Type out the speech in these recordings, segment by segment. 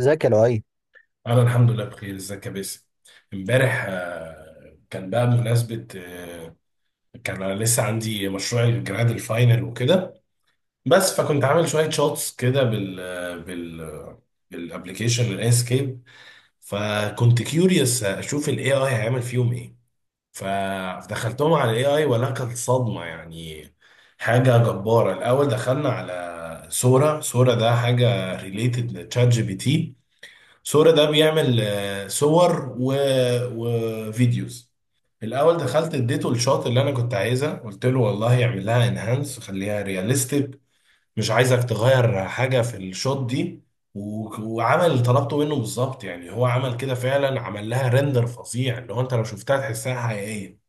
ذكي ال AI. انا الحمد لله بخير. ازيك يا باسم؟ امبارح كان بقى بمناسبه، كان انا لسه عندي مشروع الجراد الفاينل وكده. بس فكنت عامل شويه شوتس كده بال بالابلكيشن الانسكيب. فكنت كيوريوس اشوف الاي اي هيعمل فيهم ايه، فدخلتهم على الاي اي، ولا كانت صدمه يعني. حاجه جباره. الاول دخلنا على سورا. سورا ده حاجه ريليتد لتشات جي بي تي. سورة ده بيعمل صور وفيديوز. الاول دخلت اديته الشوت اللي انا كنت عايزها، قلت له والله اعمل لها انهانس خليها رياليستيك، مش عايزك تغير حاجه في الشوت دي. و- وعمل اللي طلبته منه بالظبط، يعني هو عمل كده فعلا. عمل لها ريندر فظيع اللي هو انت لو شفتها تحسها حقيقيه.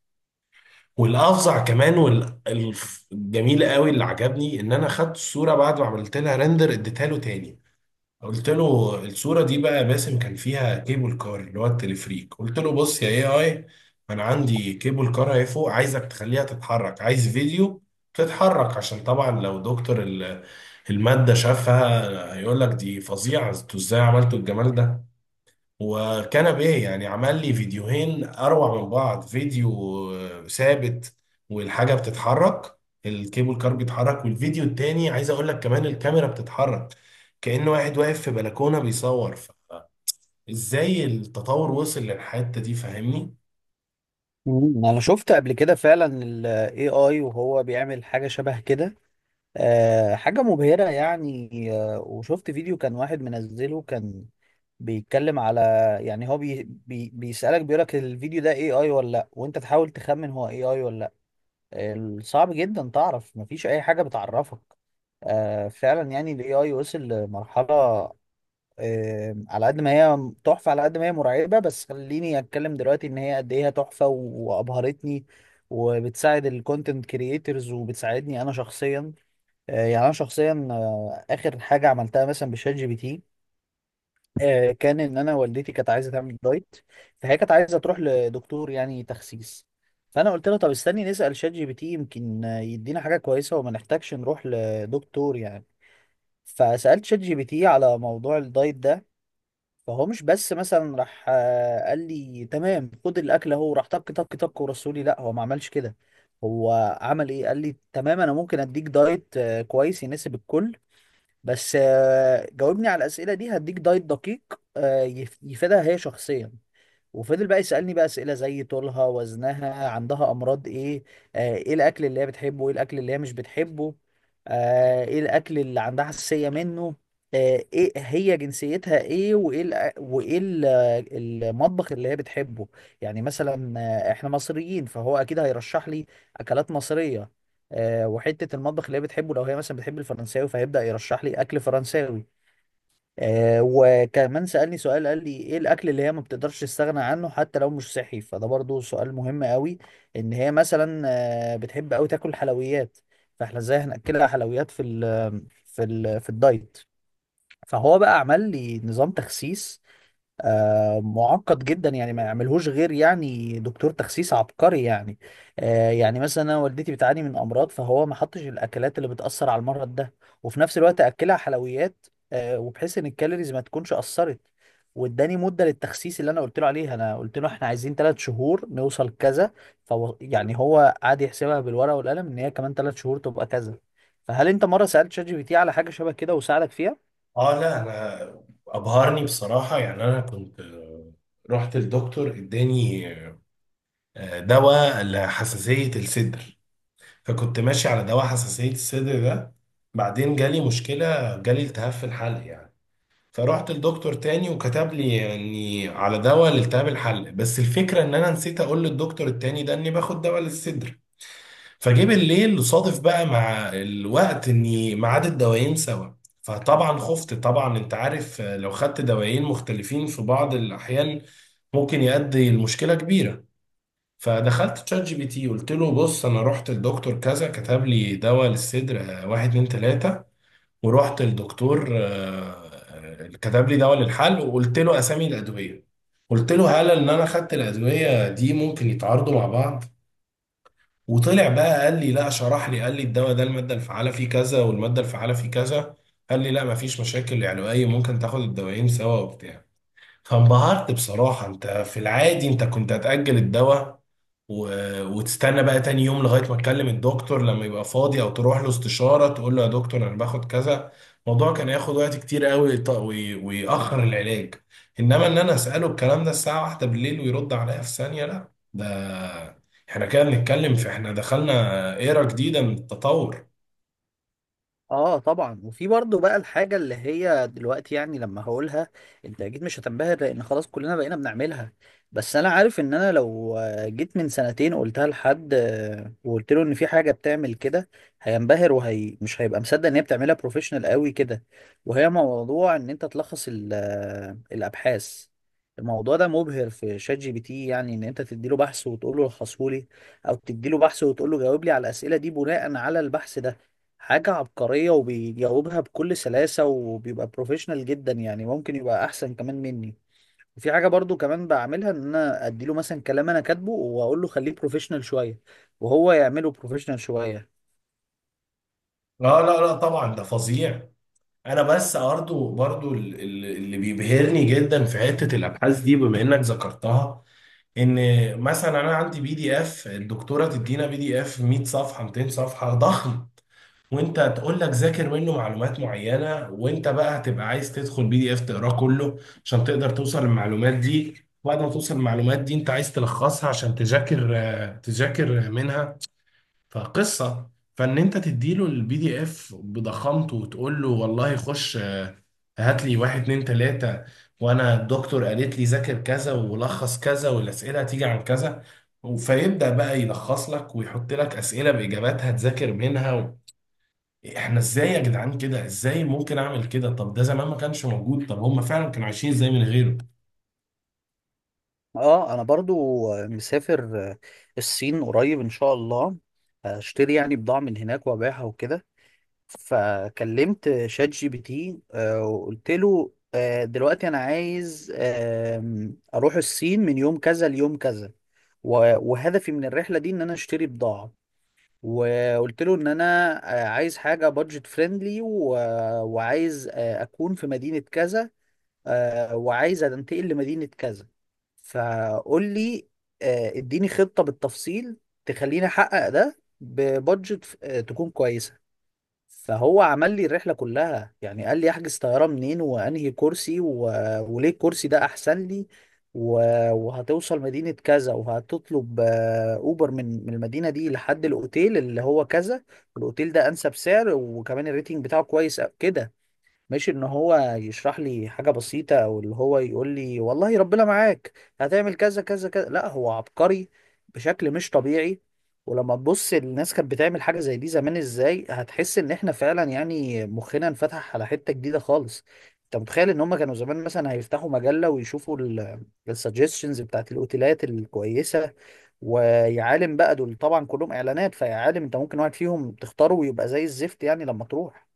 والافظع كمان والجميل قوي اللي عجبني، ان انا خدت الصوره بعد ما عملت لها ريندر، اديتها له تاني. قلت له الصورة دي بقى يا باسم كان فيها كيبل كار اللي هو التلفريك، قلت له بص يا اي اي، انا عندي كيبل كار اهي فوق، عايزك تخليها تتحرك، عايز فيديو تتحرك، عشان طبعا لو دكتور المادة شافها هيقول لك دي فظيعة، انتوا ازاي عملتوا الجمال ده؟ وكنبيه يعني، عمل لي فيديوهين اروع من بعض. فيديو ثابت والحاجه بتتحرك، الكيبل كار بيتحرك، والفيديو التاني عايز اقول لك كمان الكاميرا بتتحرك، كأنه واحد واقف في بلكونه بيصور. ازاي التطور وصل للحته دي؟ فاهمني؟ انا شفت قبل كده فعلا ال AI وهو بيعمل حاجة شبه كده. حاجة مبهرة يعني. وشفت فيديو كان واحد منزله كان بيتكلم على، يعني هو بي بي بيسألك بيقولك الفيديو ده AI ولا لا، وانت تحاول تخمن هو AI ولا لا. صعب جدا تعرف، مفيش اي حاجة بتعرفك. فعلا يعني ال AI وصل لمرحلة. على قد ما هي تحفة على قد ما هي مرعبة، بس خليني اتكلم دلوقتي ان هي قد ايه هي تحفة وابهرتني وبتساعد الكونتنت كرييترز وبتساعدني انا شخصيا. يعني انا شخصيا، اخر حاجة عملتها مثلا بشات جي بي تي، كان ان انا والدتي كانت عايزة تعمل دايت. فهي كانت عايزة تروح لدكتور يعني تخسيس. فانا قلت لها طب استني نسأل شات جي بي تي يمكن يدينا حاجة كويسة وما نحتاجش نروح لدكتور يعني. فسألت شات جي بي تي على موضوع الدايت ده. فهو مش بس مثلا راح قال لي تمام خد الاكل اهو راح طك طك طك ورسولي. لا، هو ما عملش كده. هو عمل ايه؟ قال لي تمام انا ممكن اديك دايت كويس يناسب الكل، بس جاوبني على الاسئله دي هديك دايت دقيق يفيدها هي شخصيا. وفضل بقى يسألني بقى أسئلة زي طولها، وزنها، عندها أمراض إيه، إيه الأكل اللي هي بتحبه، إيه الأكل اللي هي مش بتحبه، إيه الأكل اللي عندها حساسية منه، إيه هي جنسيتها إيه، وإيه المطبخ اللي هي بتحبه. يعني مثلا إحنا مصريين فهو أكيد هيرشح لي أكلات مصرية. وحتة المطبخ اللي هي بتحبه لو هي مثلا بتحب الفرنساوي فهيبدأ يرشح لي أكل فرنساوي. وكمان سألني سؤال، قال لي ايه الاكل اللي هي ما بتقدرش تستغنى عنه حتى لو مش صحي، فده برضو سؤال مهم قوي. ان هي مثلا بتحب قوي تاكل حلويات، فاحنا ازاي هنأكلها حلويات في الدايت؟ فهو بقى عمل لي نظام تخسيس معقد جدا، يعني ما يعملهوش غير يعني دكتور تخسيس عبقري يعني. يعني مثلا انا والدتي بتعاني من امراض، فهو ما حطش الاكلات اللي بتاثر على المرض ده، وفي نفس الوقت اكلها حلويات وبحيث ان الكالوريز ما تكونش اثرت. واداني مده للتخسيس اللي انا قلت له عليها، انا قلت له احنا عايزين ثلاث شهور نوصل كذا، فهو يعني هو قعد يحسبها بالورقه والقلم ان هي كمان ثلاث شهور تبقى كذا. فهل انت مره سالت شات جي بي تي على حاجه شبه كده وساعدك فيها؟ اه لا، انا ابهرني بصراحه. يعني انا كنت، رحت الدكتور اداني دواء لحساسيه الصدر، فكنت ماشي على دواء حساسية الصدر ده. بعدين جالي مشكلة، جالي التهاب في الحلق يعني، فرحت للدكتور تاني وكتب لي يعني على دواء لالتهاب الحلق. بس الفكرة ان انا نسيت اقول للدكتور التاني ده اني باخد دواء للصدر. فجه بالليل صادف بقى مع الوقت اني ميعاد الدوايين سوا. فطبعا خفت، طبعا انت عارف لو خدت دوايين مختلفين في بعض الاحيان ممكن يؤدي لمشكلة كبيرة. فدخلت تشات جي بي تي قلت له بص، انا رحت لدكتور كذا كتب لي دواء للصدر، واحد اتنين تلاته، ورحت لدكتور، كتب لي دواء للحل، وقلت له اسامي الادويه. قلت له هل ان انا خدت الادويه دي ممكن يتعارضوا مع بعض؟ وطلع بقى قال لي لا، شرح لي، قال لي الدواء ده الماده الفعاله فيه كذا، والماده الفعاله فيه كذا. قال لي لا، مفيش مشاكل علوية، ممكن تاخد الدوايين سوا وبتاع. فانبهرت بصراحه. انت في العادي انت كنت هتأجل الدواء و... وتستنى بقى تاني يوم لغاية ما تكلم الدكتور لما يبقى فاضي، او تروح له استشارة تقول له يا دكتور انا باخد كذا. الموضوع كان ياخد وقت كتير قوي، ويأخر العلاج. انما ان انا اسأله الكلام ده الساعة واحدة بالليل ويرد عليا في ثانية، لا ده احنا كده بنتكلم احنا دخلنا ايرا جديدة من التطور. اه، طبعا. وفي برضه بقى الحاجة اللي هي دلوقتي، يعني لما هقولها انت اكيد مش هتنبهر لان خلاص كلنا بقينا بنعملها، بس انا عارف ان انا لو جيت من سنتين قلتها لحد وقلت له ان في حاجة بتعمل كده هينبهر، وهي مش هيبقى مصدق ان هي بتعملها بروفيشنال قوي كده. وهي موضوع ان انت تلخص الابحاث. الموضوع ده مبهر في شات جي بي تي، يعني ان انت تديله بحث وتقول له لخصه لي، او تديله بحث وتقول له جاوب لي على الاسئله دي بناء على البحث ده. حاجة عبقرية وبيجاوبها بكل سلاسة وبيبقى بروفيشنال جدا، يعني ممكن يبقى أحسن كمان مني. وفي حاجة برضو كمان بعملها، إن أنا أديله مثلا كلام أنا كاتبه وأقول له خليه بروفيشنال شوية وهو يعمله بروفيشنال شوية. لا لا لا، طبعا ده فظيع. انا بس برضو اللي بيبهرني جدا في حتة الابحاث دي بما انك ذكرتها، ان مثلا انا عندي بي دي اف، الدكتوره تدينا بي دي اف 100 صفحه 200 صفحه ضخم، وانت تقول لك ذاكر منه معلومات معينه، وانت بقى هتبقى عايز تدخل بي دي اف تقراه كله عشان تقدر توصل للمعلومات دي. بعد ما توصل للمعلومات دي انت عايز تلخصها عشان تذاكر، تذاكر منها. فقصة، فان انت تديله البي دي اف بضخامته وتقول له والله خش، هات لي واحد اتنين تلاتة، وانا الدكتور قالت لي ذاكر كذا ولخص كذا والاسئلة هتيجي عن كذا. فيبدأ بقى يلخص لك ويحط لك اسئلة باجاباتها تذاكر منها احنا ازاي يا جدعان كده؟ ازاي ممكن اعمل كده؟ طب ده زمان ما كانش موجود، طب هم فعلا كانوا عايشين ازاي من غيره؟ اه، انا برضو مسافر الصين قريب ان شاء الله، هشتري يعني بضاعة من هناك وابيعها وكده. فكلمت شات جي بي تي وقلت له دلوقتي انا عايز اروح الصين من يوم كذا ليوم كذا، وهدفي من الرحله دي ان انا اشتري بضاعه. وقلت له ان انا عايز حاجه بادجت فريندلي، وعايز اكون في مدينه كذا، وعايز انتقل لمدينه كذا، فقول لي اديني خطه بالتفصيل تخليني احقق ده ببادجت تكون كويسه. فهو عمل لي الرحله كلها، يعني قال لي احجز طياره منين وانهي كرسي وليه الكرسي ده احسن لي، و... وهتوصل مدينه كذا وهتطلب اوبر من المدينه دي لحد الاوتيل اللي هو كذا، والاوتيل ده انسب سعر وكمان الريتنج بتاعه كويس أوي كده. مش ان هو يشرح لي حاجة بسيطة او اللي هو يقول لي والله ربنا معاك هتعمل كذا كذا كذا، لا هو عبقري بشكل مش طبيعي. ولما تبص الناس كانت بتعمل حاجة زي دي زمان ازاي، هتحس ان احنا فعلا يعني مخنا انفتح على حتة جديدة خالص. انت متخيل ان هم كانوا زمان مثلا هيفتحوا مجلة ويشوفوا السجستشنز بتاعت الاوتيلات الكويسة، ويعالم بقى دول طبعا كلهم اعلانات فيعالم انت ممكن واحد فيهم تختاره ويبقى زي الزفت يعني لما تروح.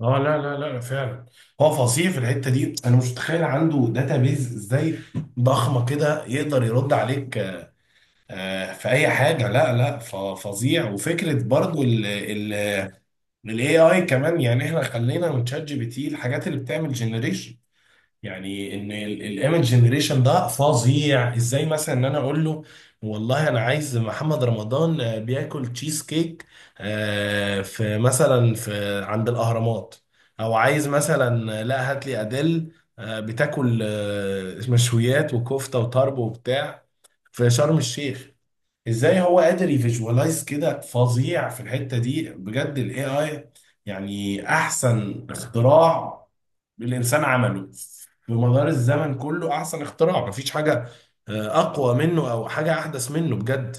اه لا لا لا، فعلا هو فظيع في الحته دي. انا مش متخيل عنده داتابيز ازاي ضخمه كده، يقدر يرد عليك في اي حاجه. لا لا فظيع. وفكره برضو ال ال الاي اي كمان، يعني احنا خلينا من شات جي بي تي الحاجات اللي بتعمل جنريشن، يعني ان الايمج جنريشن ده فظيع ازاي. مثلا ان انا اقول له والله انا عايز محمد رمضان بياكل تشيز كيك، في مثلا في عند الاهرامات. او عايز مثلا، لا هات لي اديل بتاكل مشويات وكفته وطرب وبتاع في شرم الشيخ. ازاي هو قادر يفيجوالايز كده؟ فظيع في الحتة دي بجد الاي اي. يعني احسن اختراع الانسان عمله في مدار الزمن كله، احسن اختراع، مفيش حاجة اقوى منه او حاجة احدث منه بجد.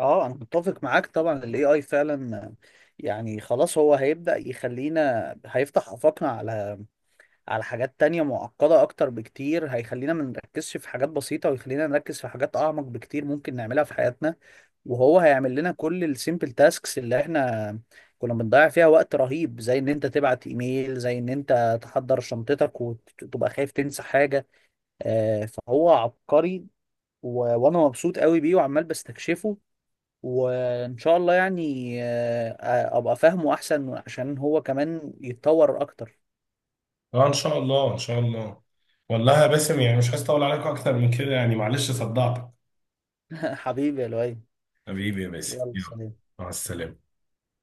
اه، انا متفق معاك طبعا، الاي اي فعلا يعني خلاص هو هيبدأ يخلينا، هيفتح آفاقنا على حاجات تانية معقدة اكتر بكتير، هيخلينا ما نركزش في حاجات بسيطة ويخلينا نركز في حاجات اعمق بكتير ممكن نعملها في حياتنا. وهو هيعمل لنا كل السيمبل تاسكس اللي احنا كنا بنضيع فيها وقت رهيب، زي ان انت تبعت ايميل، زي ان انت تحضر شنطتك وتبقى خايف تنسى حاجة. فهو عبقري وانا مبسوط قوي بيه وعمال بستكشفه، وان شاء الله يعني ابقى فاهمه احسن عشان هو كمان يتطور اكتر. اه ان شاء الله ان شاء الله. والله يا باسم يعني مش عايز اطول عليكم اكتر من كده، يعني معلش صدعتك. حبيبي يا لؤي، حبيبي يا باسم، يلا يلا. سلام. مع السلامة.